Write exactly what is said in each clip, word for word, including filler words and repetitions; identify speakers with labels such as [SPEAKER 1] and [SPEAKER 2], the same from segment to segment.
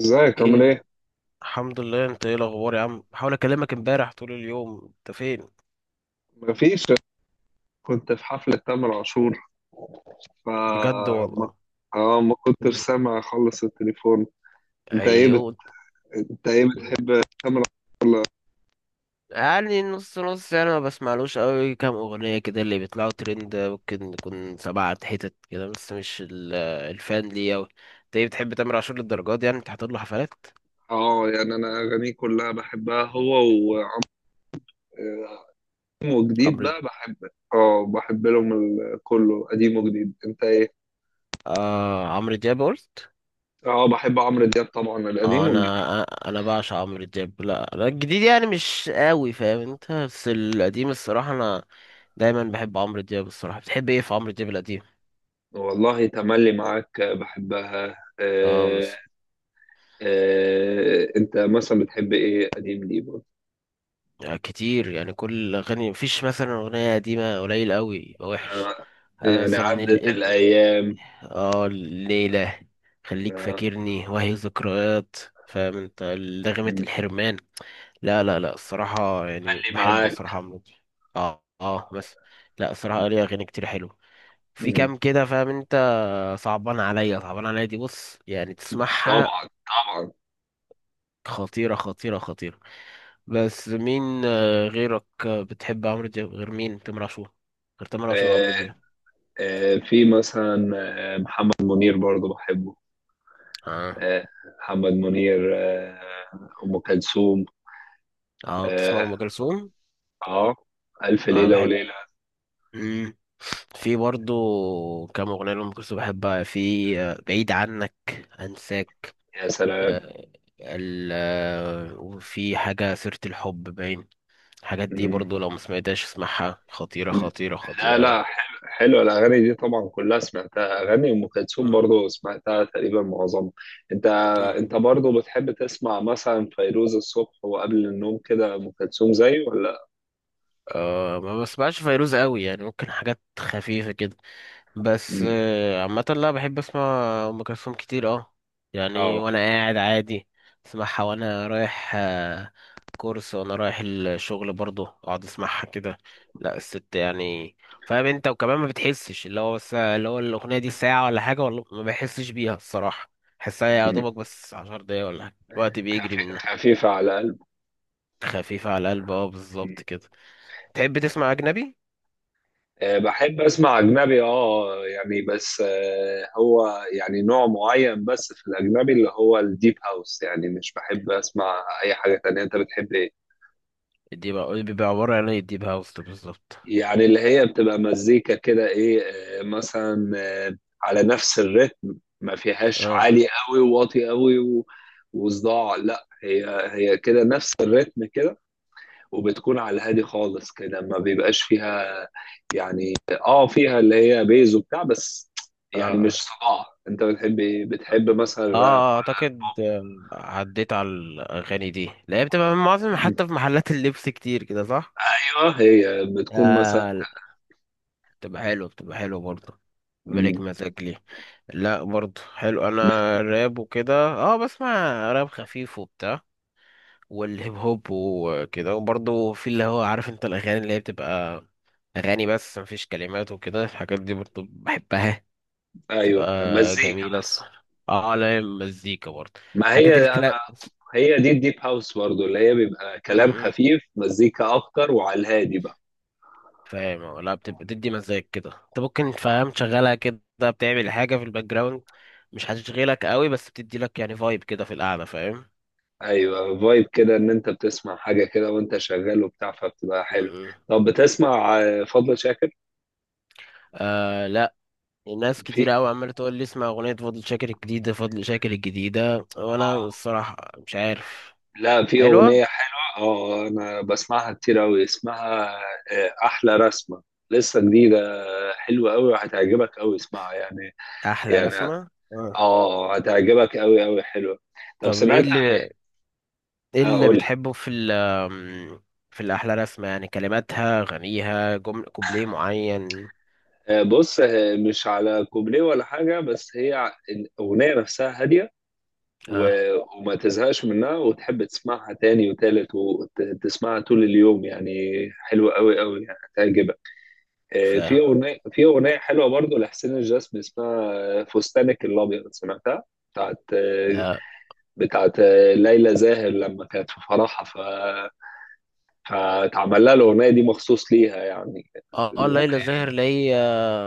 [SPEAKER 1] ازيك عامل
[SPEAKER 2] ايه.
[SPEAKER 1] ايه؟
[SPEAKER 2] الحمد لله، انت ايه الاخبار يا عم؟ بحاول اكلمك امبارح طول اليوم، انت فين؟
[SPEAKER 1] مفيش، كنت في حفلة تامر عاشور.
[SPEAKER 2] بجد
[SPEAKER 1] فما
[SPEAKER 2] والله؟
[SPEAKER 1] اه ما كنتش سامع خالص التليفون. انت ايه بت...
[SPEAKER 2] ايوه.
[SPEAKER 1] انت ايه بتحب تامر عاشور؟
[SPEAKER 2] يعني نص نص، يعني ما بسمعلوش قوي، كام اغنيه كده اللي بيطلعوا ترند، ممكن يكون سبعة حتت كده، بس مش ال- الفان ليه قوي. انت ايه بتحب تامر عاشور للدرجات دي يعني، انت حاطط له حفلات؟
[SPEAKER 1] اه يعني انا اغانيه كلها بحبها، هو و- وقديم وجديد
[SPEAKER 2] عمرو د-
[SPEAKER 1] بقى بحب. اه بحب لهم ال- كله قديم وجديد، انت ايه؟
[SPEAKER 2] آه، عمرو دياب قلت.
[SPEAKER 1] اه بحب عمرو دياب طبعا،
[SPEAKER 2] اه،
[SPEAKER 1] القديم والجديد.
[SPEAKER 2] انا انا بعشق عمرو دياب. لا لا الجديد يعني مش قوي فاهم انت، بس القديم الصراحه انا دايما بحب عمرو دياب. الصراحه بتحب ايه في عمرو دياب القديم؟
[SPEAKER 1] والله تملي معاك بحبها.
[SPEAKER 2] اه
[SPEAKER 1] آه،
[SPEAKER 2] مثلا،
[SPEAKER 1] آه انت مثلا بتحب ايه قديم ليه؟
[SPEAKER 2] يعني كتير، يعني كل اغاني، مفيش مثلا اغنيه قديمه قليل قوي يبقى وحش.
[SPEAKER 1] آه.
[SPEAKER 2] آه
[SPEAKER 1] يعني
[SPEAKER 2] مثلا ال...
[SPEAKER 1] عدت
[SPEAKER 2] ال...
[SPEAKER 1] الأيام.
[SPEAKER 2] اه الليله، خليك
[SPEAKER 1] آه.
[SPEAKER 2] فاكرني، وهي ذكريات. فاهم انت؟ لغمه الحرمان. لا لا لا الصراحه يعني
[SPEAKER 1] خلي
[SPEAKER 2] بحبه
[SPEAKER 1] معاك.
[SPEAKER 2] الصراحه عمرو دياب. اه اه بس. لا الصراحه ليه اغاني كتير حلوه، في
[SPEAKER 1] مم.
[SPEAKER 2] كام كده فاهم انت. صعبان عليا، صعبان عليا دي بص يعني تسمعها،
[SPEAKER 1] طبعا طبعا.
[SPEAKER 2] خطيرة خطيرة خطيرة. بس مين آه، غيرك آه، بتحب عمرو دياب غير مين؟ تامر عاشور. غير تامر عاشور
[SPEAKER 1] آه.
[SPEAKER 2] وعمرو دياب.
[SPEAKER 1] آه، في مثلا آه، محمد منير برضو بحبه.
[SPEAKER 2] اه.
[SPEAKER 1] آه. محمد منير، آه. أم كلثوم.
[SPEAKER 2] اه بتسمع
[SPEAKER 1] اه.
[SPEAKER 2] ام كلثوم.
[SPEAKER 1] آه. ألف
[SPEAKER 2] اه
[SPEAKER 1] ليلة
[SPEAKER 2] بحب.
[SPEAKER 1] وليلة.
[SPEAKER 2] مم. في برضو كام اغنية لام كلثوم بحبها. في آه، بعيد عنك، انساك،
[SPEAKER 1] يا سلام.
[SPEAKER 2] آه، ال آه، وفي حاجة سيرة الحب باين. الحاجات دي برضو لو ما سمعتهاش اسمعها، خطيرة
[SPEAKER 1] مم.
[SPEAKER 2] خطيرة
[SPEAKER 1] لا
[SPEAKER 2] خطيرة يعني.
[SPEAKER 1] لا، حلو حلو الاغاني دي طبعا، كلها سمعتها. اغاني ام كلثوم برضه سمعتها تقريبا معظمها. انت، انت
[SPEAKER 2] مم.
[SPEAKER 1] برضه بتحب تسمع مثلا فيروز الصبح وقبل النوم كده، ام كلثوم زي ولا؟
[SPEAKER 2] أه ما بسمعش فيروز قوي، يعني ممكن حاجات خفيفة كده، بس
[SPEAKER 1] مم.
[SPEAKER 2] آه، عامة لا بحب اسمع أم كلثوم كتير اه. يعني
[SPEAKER 1] اه.
[SPEAKER 2] وانا قاعد عادي اسمعها، وانا رايح آه، كورس وانا رايح الشغل برضه اقعد اسمعها كده. لا الست يعني، فاهم انت. وكمان ما بتحسش اللي هو، بس اللي هو الاغنية دي ساعة ولا حاجة ولا، ما بحسش بيها الصراحة. بحسها يا
[SPEAKER 1] مم.
[SPEAKER 2] دوبك بس عشر دقايق ولا حاجة، الوقت بيجري
[SPEAKER 1] خفي-
[SPEAKER 2] منها.
[SPEAKER 1] خفيفه على قلب.
[SPEAKER 2] خفيفة على القلب اه بالظبط كده. تحب تسمع أجنبي؟
[SPEAKER 1] آه، بحب اسمع اجنبي، اه يعني، بس آه، هو يعني نوع معين بس في الاجنبي، اللي هو الديب هاوس، يعني مش بحب اسمع اي حاجه تانية. انت بتحب إيه؟
[SPEAKER 2] دي بقى بيبقى عبارة عن ايه الديب هاوس ده بالظبط؟
[SPEAKER 1] يعني اللي هي بتبقى مزيكا كده، ايه، آه، مثلا آه، على نفس الريتم، ما فيهاش
[SPEAKER 2] اه
[SPEAKER 1] عالي قوي وواطي قوي و- وصداع. لا هي، هي كده نفس الريتم كده، وبتكون على الهادي خالص كده، ما بيبقاش فيها يعني، اه فيها اللي هي بيز وبتاع بس،
[SPEAKER 2] اه
[SPEAKER 1] يعني مش
[SPEAKER 2] اه.
[SPEAKER 1] صداع. انت بتحب ايه؟ بتحب مثلا الراب
[SPEAKER 2] اه
[SPEAKER 1] ولا
[SPEAKER 2] اعتقد آم، عديت على الاغاني دي. لا هي بتبقى من معظم،
[SPEAKER 1] البوب؟
[SPEAKER 2] حتى في محلات اللبس كتير كده صح.
[SPEAKER 1] ايوه هي بتكون مثلا.
[SPEAKER 2] آه لا، بتبقى حلوه، بتبقى حلوه برضه. بالك
[SPEAKER 1] مم.
[SPEAKER 2] مزاج ليه. لا برضه حلو. انا راب وكده اه بسمع، راب خفيف وبتاع، والهيب هوب وكده. وبرضه في اللي هو عارف انت الاغاني اللي هي بتبقى اغاني بس مفيش كلمات وكده، الحاجات دي برضه بحبها، تبقى
[SPEAKER 1] ايوه مزيكا
[SPEAKER 2] جميلة
[SPEAKER 1] بس.
[SPEAKER 2] الصراحة. اه لا مزيكا برضه،
[SPEAKER 1] ما
[SPEAKER 2] حاجات
[SPEAKER 1] هي
[SPEAKER 2] الكنا.
[SPEAKER 1] انا هي دي الديب هاوس برضه، اللي هي بيبقى
[SPEAKER 2] م-
[SPEAKER 1] كلام
[SPEAKER 2] م.
[SPEAKER 1] خفيف، مزيكا اكتر، وعلى الهادي بقى.
[SPEAKER 2] فاهم اه، لا بتبقى تدي مزاج كده انت ممكن فاهم تشغلها كده، بتعمل حاجة في الباك جراوند، مش هتشغلك قوي بس بتدي لك يعني فايب كده في القعدة، فاهم.
[SPEAKER 1] ايوه فايب كده، ان انت بتسمع حاجه كده وانت شغال وبتاع، فبتبقى
[SPEAKER 2] م-
[SPEAKER 1] حلو.
[SPEAKER 2] م.
[SPEAKER 1] طب بتسمع آه، فضل شاكر؟
[SPEAKER 2] آه لا، ناس
[SPEAKER 1] في
[SPEAKER 2] كتير قوي عمالة تقول لي اسمع أغنية فضل شاكر الجديدة، فضل شاكر الجديدة، وأنا
[SPEAKER 1] آه،
[SPEAKER 2] الصراحة مش عارف.
[SPEAKER 1] لا في
[SPEAKER 2] حلوة.
[SPEAKER 1] اغنيه حلوه اه، انا بسمعها كتير اوي. اسمها آه، احلى رسمه، لسه جديده. آه، حلوه اوي وهتعجبك اوي، اسمعها يعني.
[SPEAKER 2] أحلى
[SPEAKER 1] يعني
[SPEAKER 2] رسمة آه.
[SPEAKER 1] اه هتعجبك اوي اوي، حلوه. طب
[SPEAKER 2] طب ايه
[SPEAKER 1] سمعت،
[SPEAKER 2] اللي، ايه اللي
[SPEAKER 1] اقول
[SPEAKER 2] بتحبه في ال في الأحلى رسمة؟ يعني كلماتها، غنيها، جمل، كوبليه معين.
[SPEAKER 1] آه، بص آه، مش على كوبليه ولا حاجة، بس هي ع- الأغنية نفسها هادية
[SPEAKER 2] اه
[SPEAKER 1] و- وما تزهقش منها، وتحب تسمعها تاني وتالت وتسمعها طول اليوم يعني. حلوة أوي أوي، يعني هتعجبك.
[SPEAKER 2] ف
[SPEAKER 1] آه، في أغنية في أغنية حلوة برضو لحسين الجسمي، اسمها آه، فستانك الأبيض، سمعتها؟ بتاعت آه،
[SPEAKER 2] لا
[SPEAKER 1] بتاعت آه، ليلى زاهر، لما كانت في فرحها، ف، فاتعمل لها الأغنية دي مخصوص ليها يعني.
[SPEAKER 2] اه. اه
[SPEAKER 1] الأغنية
[SPEAKER 2] ليلى زاهر اللي هي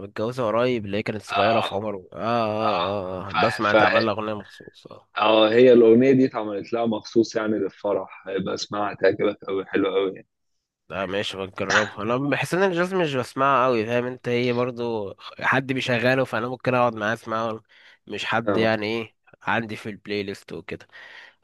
[SPEAKER 2] متجوزة قريب، اللي هي كانت صغيرة في
[SPEAKER 1] آه،
[SPEAKER 2] عمر، اه اه اه آه. بسمع
[SPEAKER 1] ف...
[SPEAKER 2] اتعمل لها أغنية مخصوص اه.
[SPEAKER 1] اه هي الأغنية دي اتعملت لها مخصوص يعني، للفرح، هيبقى اسمعها، هتعجبك أوي، حلوة أوي يعني.
[SPEAKER 2] لا ماشي بجربها، انا بحس ان الجاز مش بسمعها قوي، فاهم انت. هي برضو حد بيشغله فانا ممكن اقعد معاه اسمعه، مش حد
[SPEAKER 1] اه.
[SPEAKER 2] يعني، ايه عندي في البلاي ليست وكده.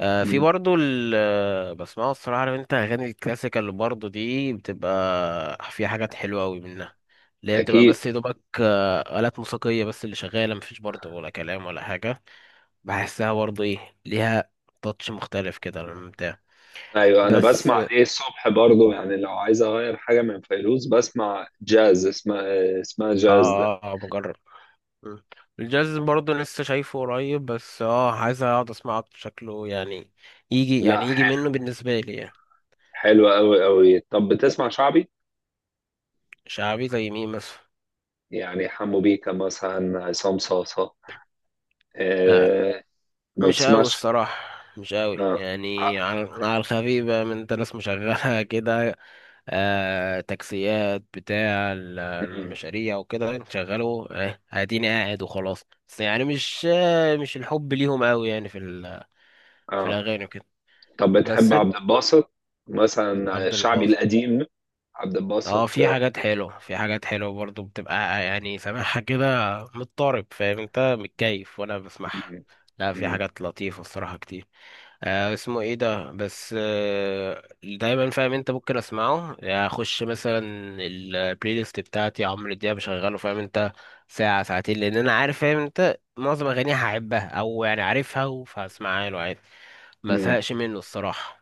[SPEAKER 2] آه في
[SPEAKER 1] مم.
[SPEAKER 2] برضو ال آه، بسمعه الصراحة عارف انت، أغاني الكلاسيكال برضو دي بتبقى فيها حاجات حلوة أوي منها، اللي هي بتبقى
[SPEAKER 1] أكيد.
[SPEAKER 2] بس يا دوبك آه، آلات موسيقية بس اللي شغالة، مفيش برضو ولا كلام ولا حاجة. بحسها برضو ايه ليها تاتش مختلف كده للممتع.
[SPEAKER 1] أيوة، أنا
[SPEAKER 2] بس
[SPEAKER 1] بسمع
[SPEAKER 2] اه
[SPEAKER 1] دي الصبح برضو. يعني لو عايز أغير حاجة من فيروز، بسمع جاز، اسمها، اسمها جاز ده.
[SPEAKER 2] اه اه بجرب. مم. الجاز برضو لسه شايفه قريب، بس اه عايز اقعد اسمعه أكتر، شكله يعني يجي،
[SPEAKER 1] لا،
[SPEAKER 2] يعني يجي
[SPEAKER 1] ح-
[SPEAKER 2] منه بالنسبة لي يعني.
[SPEAKER 1] حلوة أوي أوي. طب بتسمع شعبي؟
[SPEAKER 2] شعبي زي مين مثلا؟
[SPEAKER 1] يعني حمو بيكا مثلا، عصام صاصة
[SPEAKER 2] آه،
[SPEAKER 1] آه، ما
[SPEAKER 2] مش قوي
[SPEAKER 1] بتسمعش؟
[SPEAKER 2] الصراحة، مش قوي،
[SPEAKER 1] اه. ع-.
[SPEAKER 2] يعني على على الخفيف بقى من انت ناس مشغلة كده. آه تاكسيات بتاع ال-
[SPEAKER 1] مم.
[SPEAKER 2] المشاريع وكده، شغلوا آه اديني قاعد وخلاص. بس يعني مش آه مش الحب ليهم قوي يعني، في ال- في
[SPEAKER 1] اه.
[SPEAKER 2] الاغاني وكده.
[SPEAKER 1] طب بتحب
[SPEAKER 2] بس انت،
[SPEAKER 1] عبد الباسط مثلا،
[SPEAKER 2] عبد
[SPEAKER 1] شعبي
[SPEAKER 2] الباسط،
[SPEAKER 1] القديم، عبد
[SPEAKER 2] اه
[SPEAKER 1] الباسط.
[SPEAKER 2] في حاجات حلوة، في حاجات حلوة برضو بتبقى يعني سامعها كده مضطرب فاهم انت، متكيف وانا بسمعها.
[SPEAKER 1] مم.
[SPEAKER 2] لا في
[SPEAKER 1] مم.
[SPEAKER 2] حاجات لطيفة الصراحة كتير. آه اسمه ايه ده؟ بس آه دايما فاهم انت ممكن اسمعه يعني، اخش مثلا البلاي ليست بتاعتي عمرو دياب بشغله فاهم انت، ساعة ساعتين، لان انا عارف فاهم انت معظم اغانيها هحبها او يعني عارفها فهسمعها له عادي. ما
[SPEAKER 1] مم.
[SPEAKER 2] زهقش منه الصراحة.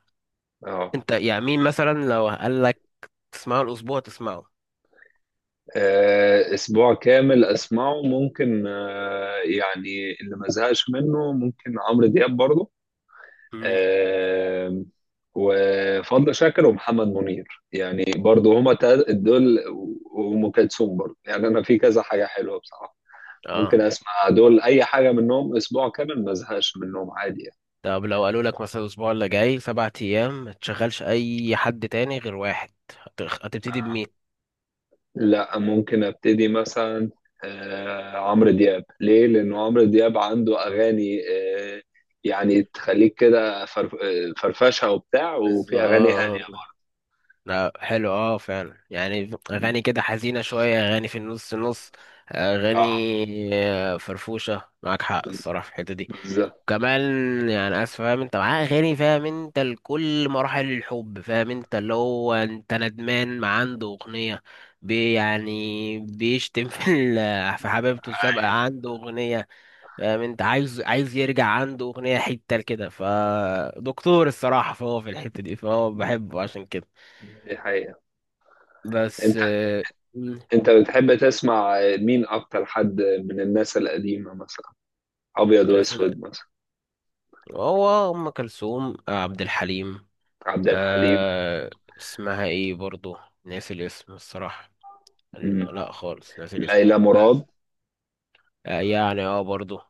[SPEAKER 1] اه،
[SPEAKER 2] انت يعني مين مثلا لو قال لك تسمعه الاسبوع تسمعه؟
[SPEAKER 1] آه، اسبوع كامل اسمعه ممكن آه، يعني اللي ما زهقش منه، ممكن عمرو دياب برضه
[SPEAKER 2] مم.
[SPEAKER 1] آه، وفضل شاكر ومحمد منير، يعني برضه هما تا- دول و- وام كلثوم برضه. يعني انا في كذا حاجه حلوه بصراحه، ممكن
[SPEAKER 2] اه.
[SPEAKER 1] اسمع دول اي حاجه منهم اسبوع كامل، ما زهقش منهم عادي يعني.
[SPEAKER 2] طب لو قالوا لك مثلا الاسبوع اللي جاي سبع ايام ما تشغلش اي حد تاني غير واحد، هت- هتبتدي بمين؟
[SPEAKER 1] لا ممكن ابتدي مثلا آه، عمرو دياب، ليه؟ لانه عمرو دياب عنده اغاني آه، يعني تخليك كده فرف- آه، فرفشه وبتاع، وفي اغاني هاديه
[SPEAKER 2] بالظبط.
[SPEAKER 1] برضه.
[SPEAKER 2] لا حلو اه فعلا، يعني اغاني كده حزينه شويه، اغاني في النص نص،
[SPEAKER 1] اه.
[SPEAKER 2] اغاني آه، فرفوشه، معاك حق
[SPEAKER 1] بز-
[SPEAKER 2] الصراحه في الحته دي
[SPEAKER 1] بالظبط.
[SPEAKER 2] كمان. يعني اسف فاهم انت، معاه اغاني فاهم انت لكل مراحل الحب فاهم انت، اللي هو انت ندمان ما عنده اغنيه، بي يعني بيشتم في ال- في حبيبته السابقه
[SPEAKER 1] أيوة،
[SPEAKER 2] عنده اغنيه، فاهم انت؟ عايز، عايز يرجع عنده اغنيه، حته كده فدكتور الصراحه، فهو في الحته دي فهو بحبه عشان كده.
[SPEAKER 1] دي حقيقه.
[SPEAKER 2] بس
[SPEAKER 1] انت،
[SPEAKER 2] آه، مم،
[SPEAKER 1] انت بتحب تسمع مين اكتر، حد من الناس القديمه مثلا، ابيض
[SPEAKER 2] في ال-
[SPEAKER 1] واسود مثلا؟
[SPEAKER 2] هو ام كلثوم آه، عبد الحليم.
[SPEAKER 1] عبد الحليم.
[SPEAKER 2] أه اسمها ايه برضو؟ ناسي الاسم الصراحه.
[SPEAKER 1] مم.
[SPEAKER 2] لا خالص ناسي الاسم.
[SPEAKER 1] ليلى
[SPEAKER 2] بس
[SPEAKER 1] مراد.
[SPEAKER 2] آه، يعني اه برضه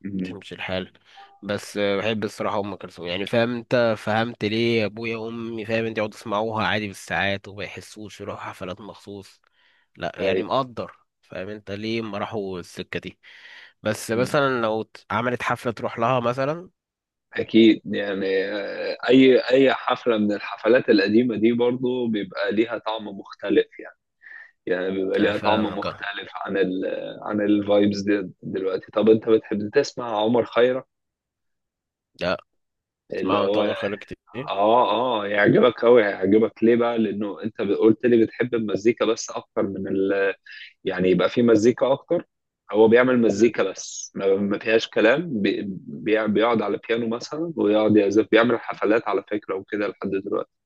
[SPEAKER 1] مم.
[SPEAKER 2] تمشي الحال. بس آه، بحب الصراحة أم كلثوم يعني، فاهم أنت؟ فهمت ليه أبويا وأمي فاهم أنت يقعدوا يسمعوها عادي بالساعات وما يحسوش، يروحوا حفلات مخصوص؟ لا يعني
[SPEAKER 1] ايوه،
[SPEAKER 2] مقدر فاهم أنت ليه ما راحوا السكة دي. بس مثلا لو ت- عملت حفلة تروح لها مثلا.
[SPEAKER 1] أكيد يعني آه، أي أي حفلة من الحفلات القديمة دي برضو بيبقى ليها طعم مختلف يعني. يعني بيبقى
[SPEAKER 2] آه،
[SPEAKER 1] ليها طعم
[SPEAKER 2] فاهمك آه.
[SPEAKER 1] مختلف عن ال، عن الفايبز دي دلوقتي. طب أنت بتحب تسمع عمر خيرت؟
[SPEAKER 2] لا
[SPEAKER 1] اللي
[SPEAKER 2] اسمعوا أنت
[SPEAKER 1] هو،
[SPEAKER 2] عمر خيرك كتير.
[SPEAKER 1] آه آه يعجبك أوي، هيعجبك ليه بقى؟ لأنه أنت قلت لي بتحب المزيكا بس أكتر من ال، يعني يبقى في مزيكا أكتر. هو بيعمل مزيكا بس، ما ما فيهاش كلام، بي- بي- بيقعد على بيانو مثلا ويقعد يعزف، بيعمل حفلات على فكرة وكده لحد دلوقتي.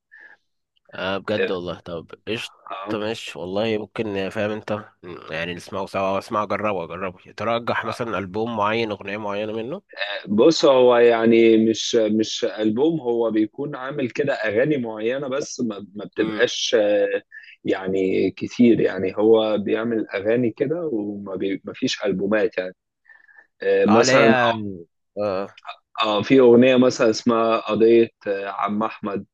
[SPEAKER 2] آه بجد والله؟ طب قشطة
[SPEAKER 1] آه.
[SPEAKER 2] ماشي والله، ممكن فاهم انت يعني نسمعه سوا، أو اسمعه جربه، جربه ترجح مثلا ألبوم معين، أغنية معينة منه.
[SPEAKER 1] بص هو يعني مش مش ألبوم، هو بيكون عامل كده أغاني معينة بس، ما, ما
[SPEAKER 2] امم
[SPEAKER 1] بتبقاش آه، يعني كتير يعني، هو بيعمل أغاني كده، وما بي ما فيش ألبومات يعني. آه،
[SPEAKER 2] اه اللي
[SPEAKER 1] مثلا،
[SPEAKER 2] هي، آه
[SPEAKER 1] اه في أغنية مثلا اسمها قضية آه، عم أحمد.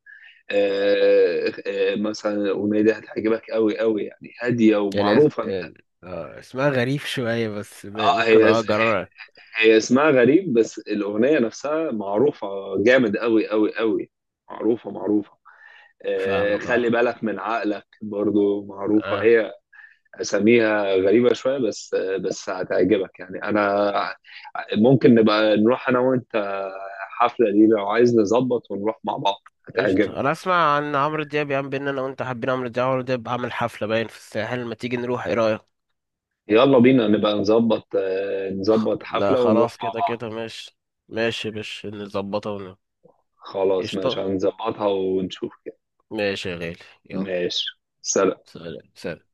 [SPEAKER 1] آه، آه، مثلا الأغنية دي هتعجبك قوي قوي يعني، هادية
[SPEAKER 2] اللي هي،
[SPEAKER 1] ومعروفة أنت.
[SPEAKER 2] آه آه، اسمها غريب شوية، بس م-
[SPEAKER 1] اه،
[SPEAKER 2] ممكن
[SPEAKER 1] هي
[SPEAKER 2] اه جرب.
[SPEAKER 1] هي اسمها غريب بس الأغنية نفسها معروفة، جامد أوي أوي أوي، معروفة معروفة. آه،
[SPEAKER 2] فاهمك
[SPEAKER 1] خلي
[SPEAKER 2] اه.
[SPEAKER 1] بالك من عقلك برضو معروفة
[SPEAKER 2] اه
[SPEAKER 1] هي، أساميها غريبة شوية بس آه، بس هتعجبك يعني. أنا ممكن نبقى نروح أنا وأنت حفلة دي لو عايز، نظبط ونروح مع بعض، هتعجبك.
[SPEAKER 2] قشطة. انا اسمع عن عمرو دياب يا عم، بينا انا وانت حابين عمرو دياب، عمرو دياب عامل حفلة باين في الساحل، ما تيجي نروح، ايه رأيك؟
[SPEAKER 1] يلا بينا نبقى نظبط آه،
[SPEAKER 2] خ-
[SPEAKER 1] نظبط
[SPEAKER 2] لا
[SPEAKER 1] حفلة ونروح
[SPEAKER 2] خلاص،
[SPEAKER 1] مع
[SPEAKER 2] كده
[SPEAKER 1] بعض.
[SPEAKER 2] كده ماشي، ماشي باش نظبطها ون-
[SPEAKER 1] خلاص ماشي،
[SPEAKER 2] قشطة.
[SPEAKER 1] هنظبطها ونشوف كده.
[SPEAKER 2] ماشي يا غالي. يلا.
[SPEAKER 1] ماشي. سلام.
[SPEAKER 2] سلام سلام.